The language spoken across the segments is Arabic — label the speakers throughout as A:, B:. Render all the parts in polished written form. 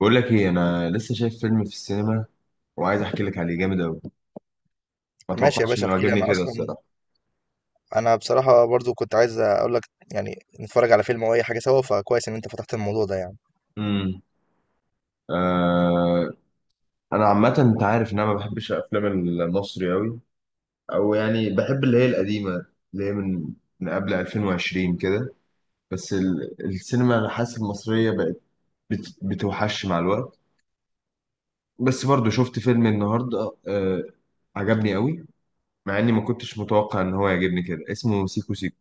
A: بقول لك ايه، انا لسه شايف فيلم في السينما وعايز احكي لك عليه جامد قوي. ما
B: ماشي يا
A: توقعتش
B: باشا،
A: انه
B: احكي لي
A: عجبني
B: انا
A: كده
B: اصلا.
A: الصراحه.
B: انا بصراحه برضو كنت عايز اقول لك يعني نتفرج على فيلم او اي حاجه سوا، فكويس ان انت فتحت الموضوع ده يعني.
A: امم آه انا عامه، انت عارف ان انا ما بحبش الافلام المصري قوي. او يعني بحب اللي هي القديمه، اللي هي من قبل 2020 كده. بس السينما انا حاسس المصريه بقت بتوحش مع الوقت. بس برضو شفت فيلم النهارده، عجبني قوي. مع اني ما كنتش متوقع ان هو يعجبني كده. اسمه سيكو سيكو،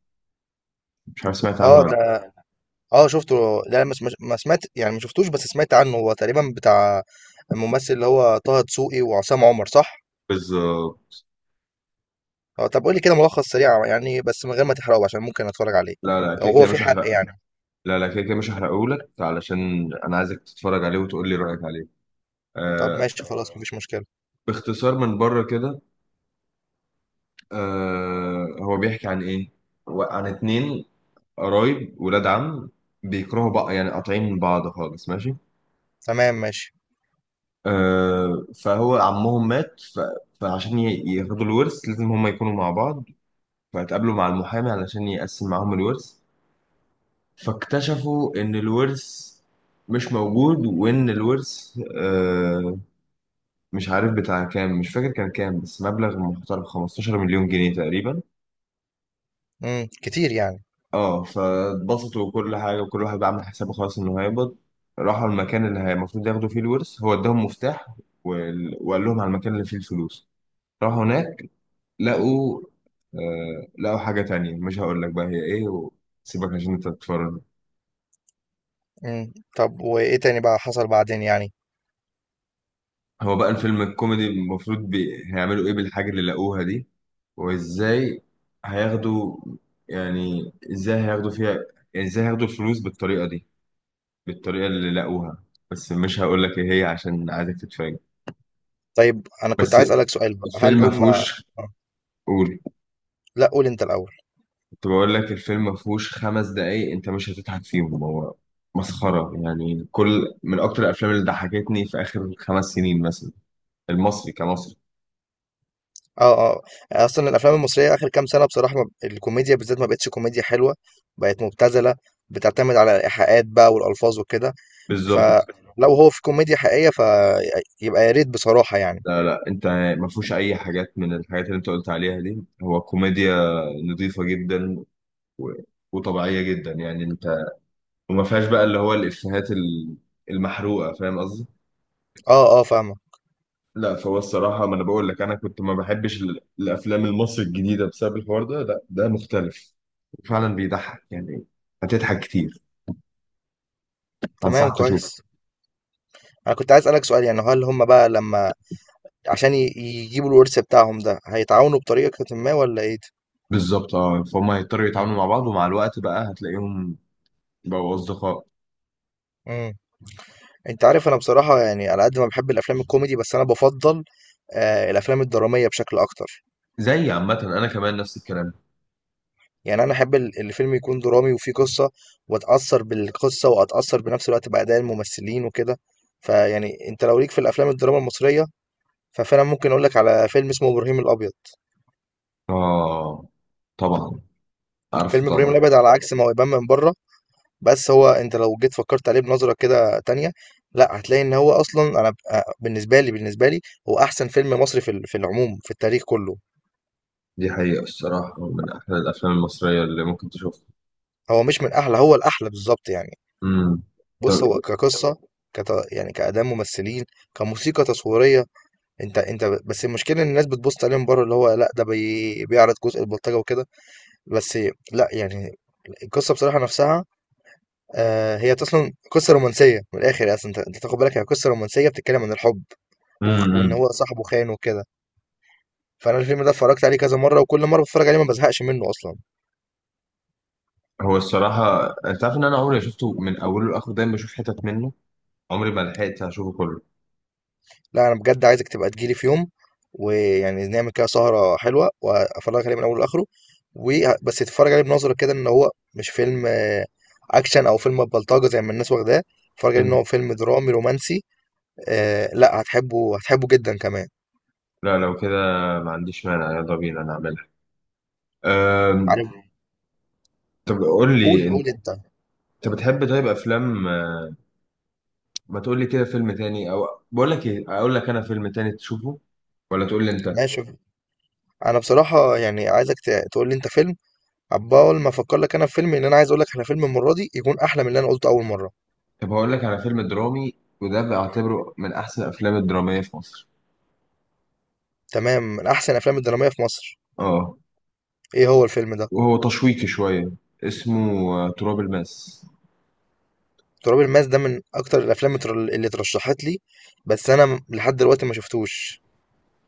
A: مش عارف سمعت عنه
B: اه
A: ولا لا.
B: ده. اه شفته. لا ما سمعت يعني، ما شفتوش بس سمعت عنه. هو تقريبا بتاع الممثل اللي هو طه دسوقي وعصام عمر، صح؟
A: بالظبط.
B: اه، طب قول لي كده ملخص سريع يعني بس من غير ما تحرقه عشان ممكن اتفرج عليه،
A: لا، لا،
B: لو
A: كده
B: هو
A: كده
B: في
A: مش
B: حرق
A: هحرق.
B: يعني.
A: لا، لا، كده كده مش هحرقهولك علشان انا عايزك تتفرج عليه وتقول لي رايك عليه
B: طب
A: آه
B: ماشي خلاص، اه مفيش مشكله.
A: باختصار من بره كده، هو بيحكي عن ايه. هو عن 2 قرايب، ولاد عم، بيكرهوا بعض، يعني قاطعين من بعض خالص. ماشي.
B: تمام ماشي.
A: فهو عمهم مات فعشان ياخدوا الورث لازم هما يكونوا مع بعض. فاتقابلوا مع المحامي علشان يقسم معاهم الورث، فاكتشفوا ان الورث مش موجود، وان الورث مش عارف بتاع كام، مش فاكر كان كام، بس مبلغ محترم، 15 مليون جنيه تقريبا.
B: امم، كتير يعني.
A: اه فاتبسطوا وكل حاجه، وكل واحد بقى عامل حسابه خلاص انه هيقبض. راحوا المكان اللي المفروض ياخدوا فيه الورث، هو اداهم مفتاح وقال لهم على المكان اللي فيه الفلوس. راحوا هناك، لقوا لقوا حاجه تانية مش هقول لك بقى هي ايه، وسيبك عشان انت تتفرج.
B: امم، طب وايه تاني بقى حصل بعدين يعني؟
A: هو بقى الفيلم الكوميدي المفروض هيعملوا ايه بالحاجة اللي لقوها دي، وازاي هياخدوا، يعني ازاي هياخدوا فيها، يعني ازاي هياخدوا الفلوس بالطريقة دي، بالطريقة اللي لقوها. بس مش هقول لك ايه هي عشان عايزك تتفاجئ.
B: طيب، انا كنت
A: بس
B: عايز اسالك سؤال بقى،
A: الفيلم
B: هل
A: ما
B: هم
A: فيهوش. قول.
B: لأ، قُل أنت الأول.
A: كنت بقول لك الفيلم ما فيهوش 5 دقايق انت مش هتضحك فيهم، هو مسخرة. يعني كل، من اكتر الافلام اللي ضحكتني في اخر 5 سنين مثلا، المصري كمصري.
B: آه، آه. أصلًا الأفلام المصرية آخر كام سَنة بصراحة، ما الكوميديا بالذات ما بقِتش كوميديا حلوة، بقت مُبتذلة، بتعتمد على الإيحاءات بقى والألفاظ وكده.
A: بالظبط.
B: فلو هو في كوميديا حقيقية فيبقى يا ريت بصراحة يعني.
A: لا، لا، انت ما فيهوش اي حاجات من الحاجات اللي انت قلت عليها دي. هو كوميديا نظيفة جدا و... وطبيعية جدا، يعني انت. وما فيهاش بقى اللي هو الافيهات المحروقة، فاهم قصدي.
B: آه، آه فاهمك.
A: لا، فهو الصراحة ما انا بقول لك، انا كنت ما بحبش الافلام المصري الجديدة بسبب الحوار ده. لا، ده مختلف فعلا، بيضحك يعني، هتضحك كتير.
B: تمام
A: انصحك تشوفه.
B: كويس. أنا كنت عايز أسألك سؤال، يعني هل هم بقى لمّا عشان يجيبوا الورث بتاعهم ده، هيتعاونوا بطريقةٍ ما والّا إيه؟
A: بالظبط. اه فهم هيضطروا
B: إمم.
A: يتعاملوا مع بعض، ومع الوقت بقى هتلاقيهم بقوا اصدقاء.
B: إمم. أنت عارف أنا بصراحة يعني، على قد ما باحب الأفلام الكوميدي، بس أنا بافضّل الأفلام الدرامية بشكل أكتر.
A: زي عامة انا كمان نفس الكلام.
B: يعني أنا أحب الفيلم يكون درامي وفيه قصة، وأتأثّر بالقصة وأتأثّر بنفس الوقت بأداء الممثلين وكده. فيعني أنت لو ليك في الأفلام الدراما المصرية، ففعلًا ممكن أقول لك على فيلم اسمه إبراهيم الأبيض.
A: آه، طبعا، عارفه
B: فيلم إبراهيم
A: طبعا.
B: الأبيض على عكس ما هو يبان من برّه، بس هو أنت لو جيت فكّرت عليه بنظرة كده تانية، لأ هتلاقي إن هو أصلًا، أنا ب أ بالنسبة لي هو أحسن فيلم مصري في العموم في التاريخ كلّه.
A: دي حقيقة الصراحة، من أحلى الأفلام المصرية اللي ممكن تشوفها.
B: هو مش من أحلى، هو الأحلى بالضبط يعني.
A: امم طب.
B: بُص، هو كقصة، يعني كأداء ممثلين، كموسيقى تصويرية. انت بس المشكله ان الناس بتبص عليهم بره، اللي هو لا ده بيعرض جزء البلطجه وكده، بس لا يعني القصه بصراحه نفسها، آه، هي اصلا قصه رومانسيه من الاخر اصلا. انت تاخد بالك، هي قصه رومانسيه بتتكلم عن الحب، وان
A: امم
B: هو صاحبه خان وكده. فانا الفيلم ده اتفرجت عليه كذا مره وكل مره بتفرج عليه ما بزهقش منه اصلا.
A: هو الصراحة أنت عارف إن أنا عمري ما شفته من أوله لآخره، دايما بشوف حتت منه، عمري ما لحقت أشوفه كله.
B: لا انا بجد عايزك تبقى تجيلي في يوم، ويعني نعمل كده سهرة حلوة وافرجك عليه من اوله لاخره. و بس تتفرج عليه بنظرة كده، ان هو مش فيلم اكشن او فيلم بلطجة زي ما الناس واخداه. اتفرج عليه ان
A: امم
B: هو فيلم درامي رومانسي. آه، لا هتحبه، هتحبه جدا كمان.
A: لا، لو كده ما عنديش مانع، يلا بينا نعملها. أم...
B: عارف.
A: طب قول لي
B: قول
A: أنت،
B: قول انت.
A: بتحب طيب أفلام ما تقول لي كده فيلم تاني، أو بقول لك إيه، أقول لك أنا فيلم تاني تشوفه، ولا تقول لي أنت.
B: ماشي، انا بصراحة يعني عايزك تقول لي انت فيلم، عبال ما افكر لك انا في فيلم، ان انا عايز اقول لك على فيلم المرة دي يكون احلى من اللي انا قلته اول مرة.
A: طب هقول لك على فيلم درامي، وده بعتبره من احسن الافلام الدراميه في مصر.
B: تمام، من احسن الافلام الدرامية في مصر.
A: اه.
B: ايه هو الفيلم ده؟
A: وهو تشويقي شويه، اسمه تراب الماس.
B: تراب الماس ده من اكتر الافلام اللي اترشحت لي، بس انا لحد دلوقتي ما شفتوش.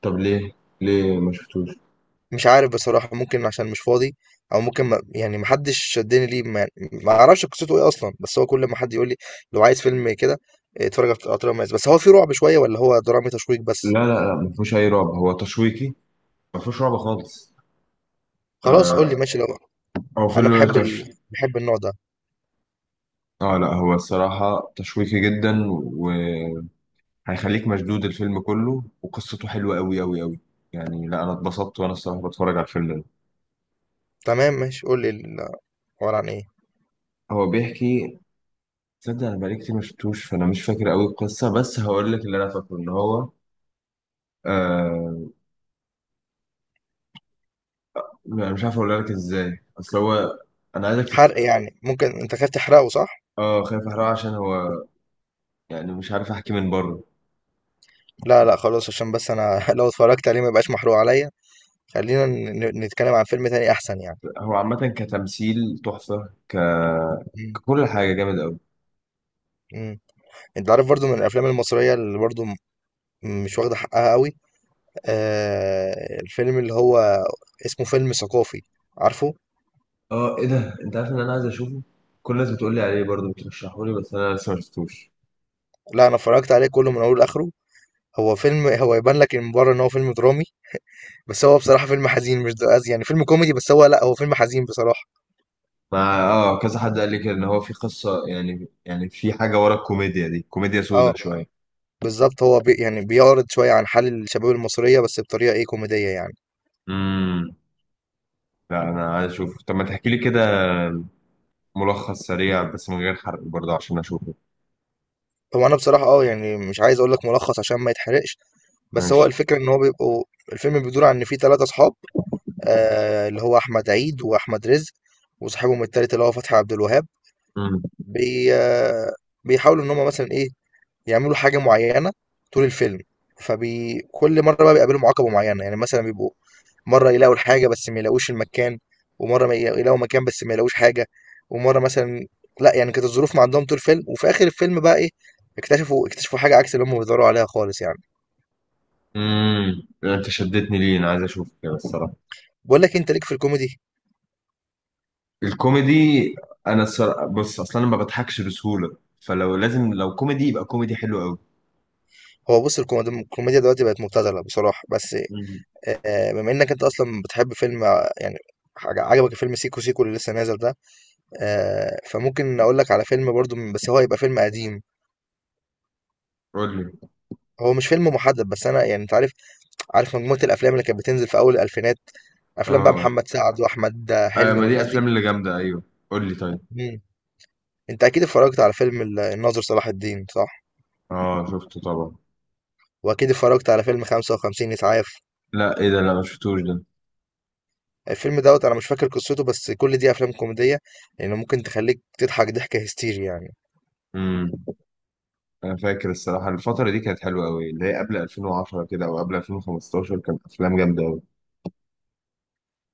A: طب ليه، ليه ما شفتوش؟
B: مش عارف بصراحة، ممكن عشان مش فاضي، او ممكن ما يعني محدش شدني ليه، ما ما اعرفش قصته ايه اصلا، بس هو كل ما حد يقول لي لو عايز فيلم كده اتفرج على تراب الماس. بس هو في رعب شوية ولا هو درامي تشويق
A: لا،
B: بس؟
A: لا، لا، ما فيهوش اي رعب، هو تشويقي، ما فيهوش رعب خالص.
B: خلاص، قول لي. ماشي لو.
A: هو
B: انا
A: فيلم
B: بحب بحب النوع ده.
A: اه لا، هو الصراحه تشويقي جدا، وهيخليك مشدود الفيلم كله، وقصته حلوه قوي قوي قوي. يعني لا، انا اتبسطت وانا الصراحه بتفرج على الفيلم ده.
B: تمام ماشي، قول لي عبارة عن ايه؟
A: هو بيحكي تصدق انا بقالي كتير ما شفتوش، فانا مش فاكر قوي القصه، بس هقول لك اللي انا فاكره ان هو آه انا مش عارف اقول لك ازاي، اصل هو، انا عايزك
B: حرق يعني؟ ممكن انت خايف تحرقه، صح؟
A: اه خايف احرقه عشان هو، يعني مش عارف احكي من بره.
B: لا لا، خلاص عشان بس انا لو اتفرجت عليه ما يبقاش محروق عليا. خلينا نتكلم عن فيلم تاني احسن يعني.
A: هو عامه كتمثيل تحفه،
B: مم.
A: ككل حاجه جامد قوي.
B: امم. انت عارف برضو من الافلام المصريه اللي برضو مش واخده حقها قوي، آه، الفيلم اللي هو اسمه فيلم ثقافي، عارفه؟
A: اه، ايه ده، انت عارف ان انا عايز اشوفه، كل الناس بتقول لي عليه برضه بترشحه لي، بس انا لسه ما شفتوش.
B: لا انا اتفرجت عليه كله من اوله لاخره. هو يبان لك من بره ان هو فيلم درامي، بس هو بصراحه فيلم حزين، مش ده قصدي، يعني فيلم كوميدي بس هو، لا هو فيلم حزين بصراحه.
A: مع كذا حد قال لي كده ان هو في قصه، يعني في حاجه ورا الكوميديا دي، كوميديا سودا.
B: اه بالظبط، هو يعني بيعرض شويه عن حال الشباب المصريه بس بطريقه ايه كوميديه يعني.
A: شويه. لا، انا عايز اشوفه، طب ما تحكي لي كده ملخص سريع، بس من غير حرق برضه عشان اشوفه.
B: هو انا بصراحه يعني مش عايز اقول لك ملخص عشان ما يتحرقش، بس هو
A: ماشي.
B: الفكرة ان هو بيبقوا، الفيلم بيدور عن ان في ثلاثة اصحاب، اللي هو احمد عيد واحمد رزق، وصاحبهم التالت اللي هو فتحي عبد الوهاب.
A: امم
B: بي آه بيحاولوا ان هم مثلا ايه، يعملوا حاجة معينة طول الفيلم. كل مرة بقى بيقابلهم عقبة معينة، يعني مثلا بيبقوا مرة يلاقوا الحاجة بس ما يلاقوش المكان، ومرة ما يلاقوا يلاقوا مكان بس ما يلاقوش حاجة، ومرة مثلا لا يعني كانت الظروف ما عندهم طول الفيلم. وفي اخر الفيلم بقى ايه، اكتشفوا اكتشفوا حاجة عكس اللي هم بيدوروا عليها خالص يعني.
A: انت شدتني، ليه انا عايز اشوفه كده الصراحه.
B: بقول لك إيه، انت ليك في الكوميدي.
A: الكوميدي، انا الصراحه بص، اصلا انا ما بضحكش بسهوله، فلو لازم لو كوميدي يبقى كوميدي حلو قوي.
B: هو بُص، الكوميديا دلوقتي بقت مبتذلة بصراحة، بس
A: امم
B: بما إنّك أنت أصلًا بتحب فيلم يعني حاج عجبك فيلم سيكو سيكو اللي لسه نازل ده، فممكن أقول لك على فيلم برضه بس هو هيبقى فيلم قديم.
A: قول لي.
B: هو مش فيلم محدد، بس أنا يعني أنت عارف مجموعة الأفلام اللي كانت بتنزل في أول الألفينات، أفلام بقى
A: اه،
B: محمد سعد وأحمد
A: اه، آه،
B: حلمي
A: ما دي
B: والناس دي.
A: افلام اللي جامده، ايوه قول لي طيب.
B: إمم. أنت أكيد اتفرّجت على فيلم الناظر صلاح الدين، صح؟
A: اه شفته طبعا.
B: وأكيد اتفرّجت على فيلم 55 إسعاف.
A: لا، ايه ده، لا ما شفتوش ده.
B: الفيلم دوت انا مش فاكر قصته، بس كل دي افلام كوميديه يعني، ممكن تخليك تضحك ضحكه هستيري يعني.
A: امم انا فاكر الصراحه الفتره دي كانت حلوه قوي، اللي هي قبل 2010 كده او قبل 2015، كانت افلام جامده.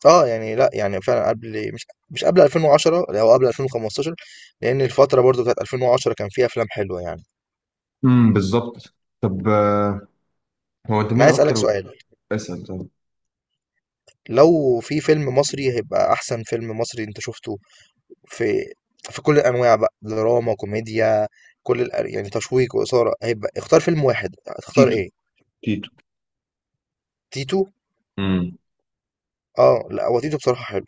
B: اه يعني، لا يعني فعلا قبل، مش قبل 2010 او قبل 2015، لان الفتره برضو بتاعت 2010 كان فيها افلام حلوه يعني.
A: بالظبط. طب هو انت
B: انا
A: مين
B: عايز اسالك
A: اكتر.
B: سؤال.
A: اسال طب.
B: لو في فيلم مصري هيبقى احسن فيلم مصري انت شفته في في كل الانواع بقى، دراما، كوميديا، يعني تشويق واثاره، هيبقى اختار فيلم واحد هتختار
A: تيتو،
B: ايه؟
A: تيتو.
B: تيتو.
A: امم
B: اه لا هو تيتو بصراحه حلو،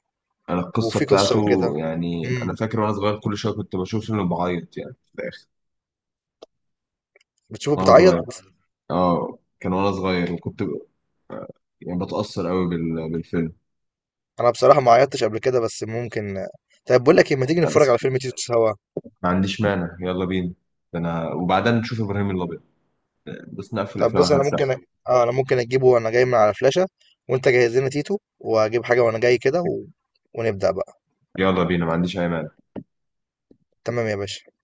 A: انا القصه
B: وفي قصه
A: بتاعته،
B: وكده.
A: يعني
B: امم.
A: انا فاكر وانا صغير كل شويه كنت بشوف فيلم بعيط يعني في الاخر.
B: بتشوفه
A: وانا صغير.
B: بتعيط؟
A: اه كان وانا صغير، وكنت يعني بتاثر قوي بالفيلم.
B: انا بصراحه ما عيطتش قبل كده بس ممكن. طيب، بقول لك ايه، ما تيجي
A: لا،
B: نتفرج
A: بس
B: على فيلم تيتو سوا.
A: ما عنديش مانع، يلا بينا. ده انا وبعدين نشوف ابراهيم الابيض، بس نقفل
B: طب
A: افلام
B: بص،
A: احمد
B: انا ممكن
A: سقا.
B: اه، انا ممكن اجيبه وانا جاي من على فلاشه، وانت جهز لنا تيتو واجيب حاجه وانا جاي كده و... ونبدا بقى.
A: يلا بينا، ما عنديش اي مانع.
B: تمام يا باشا.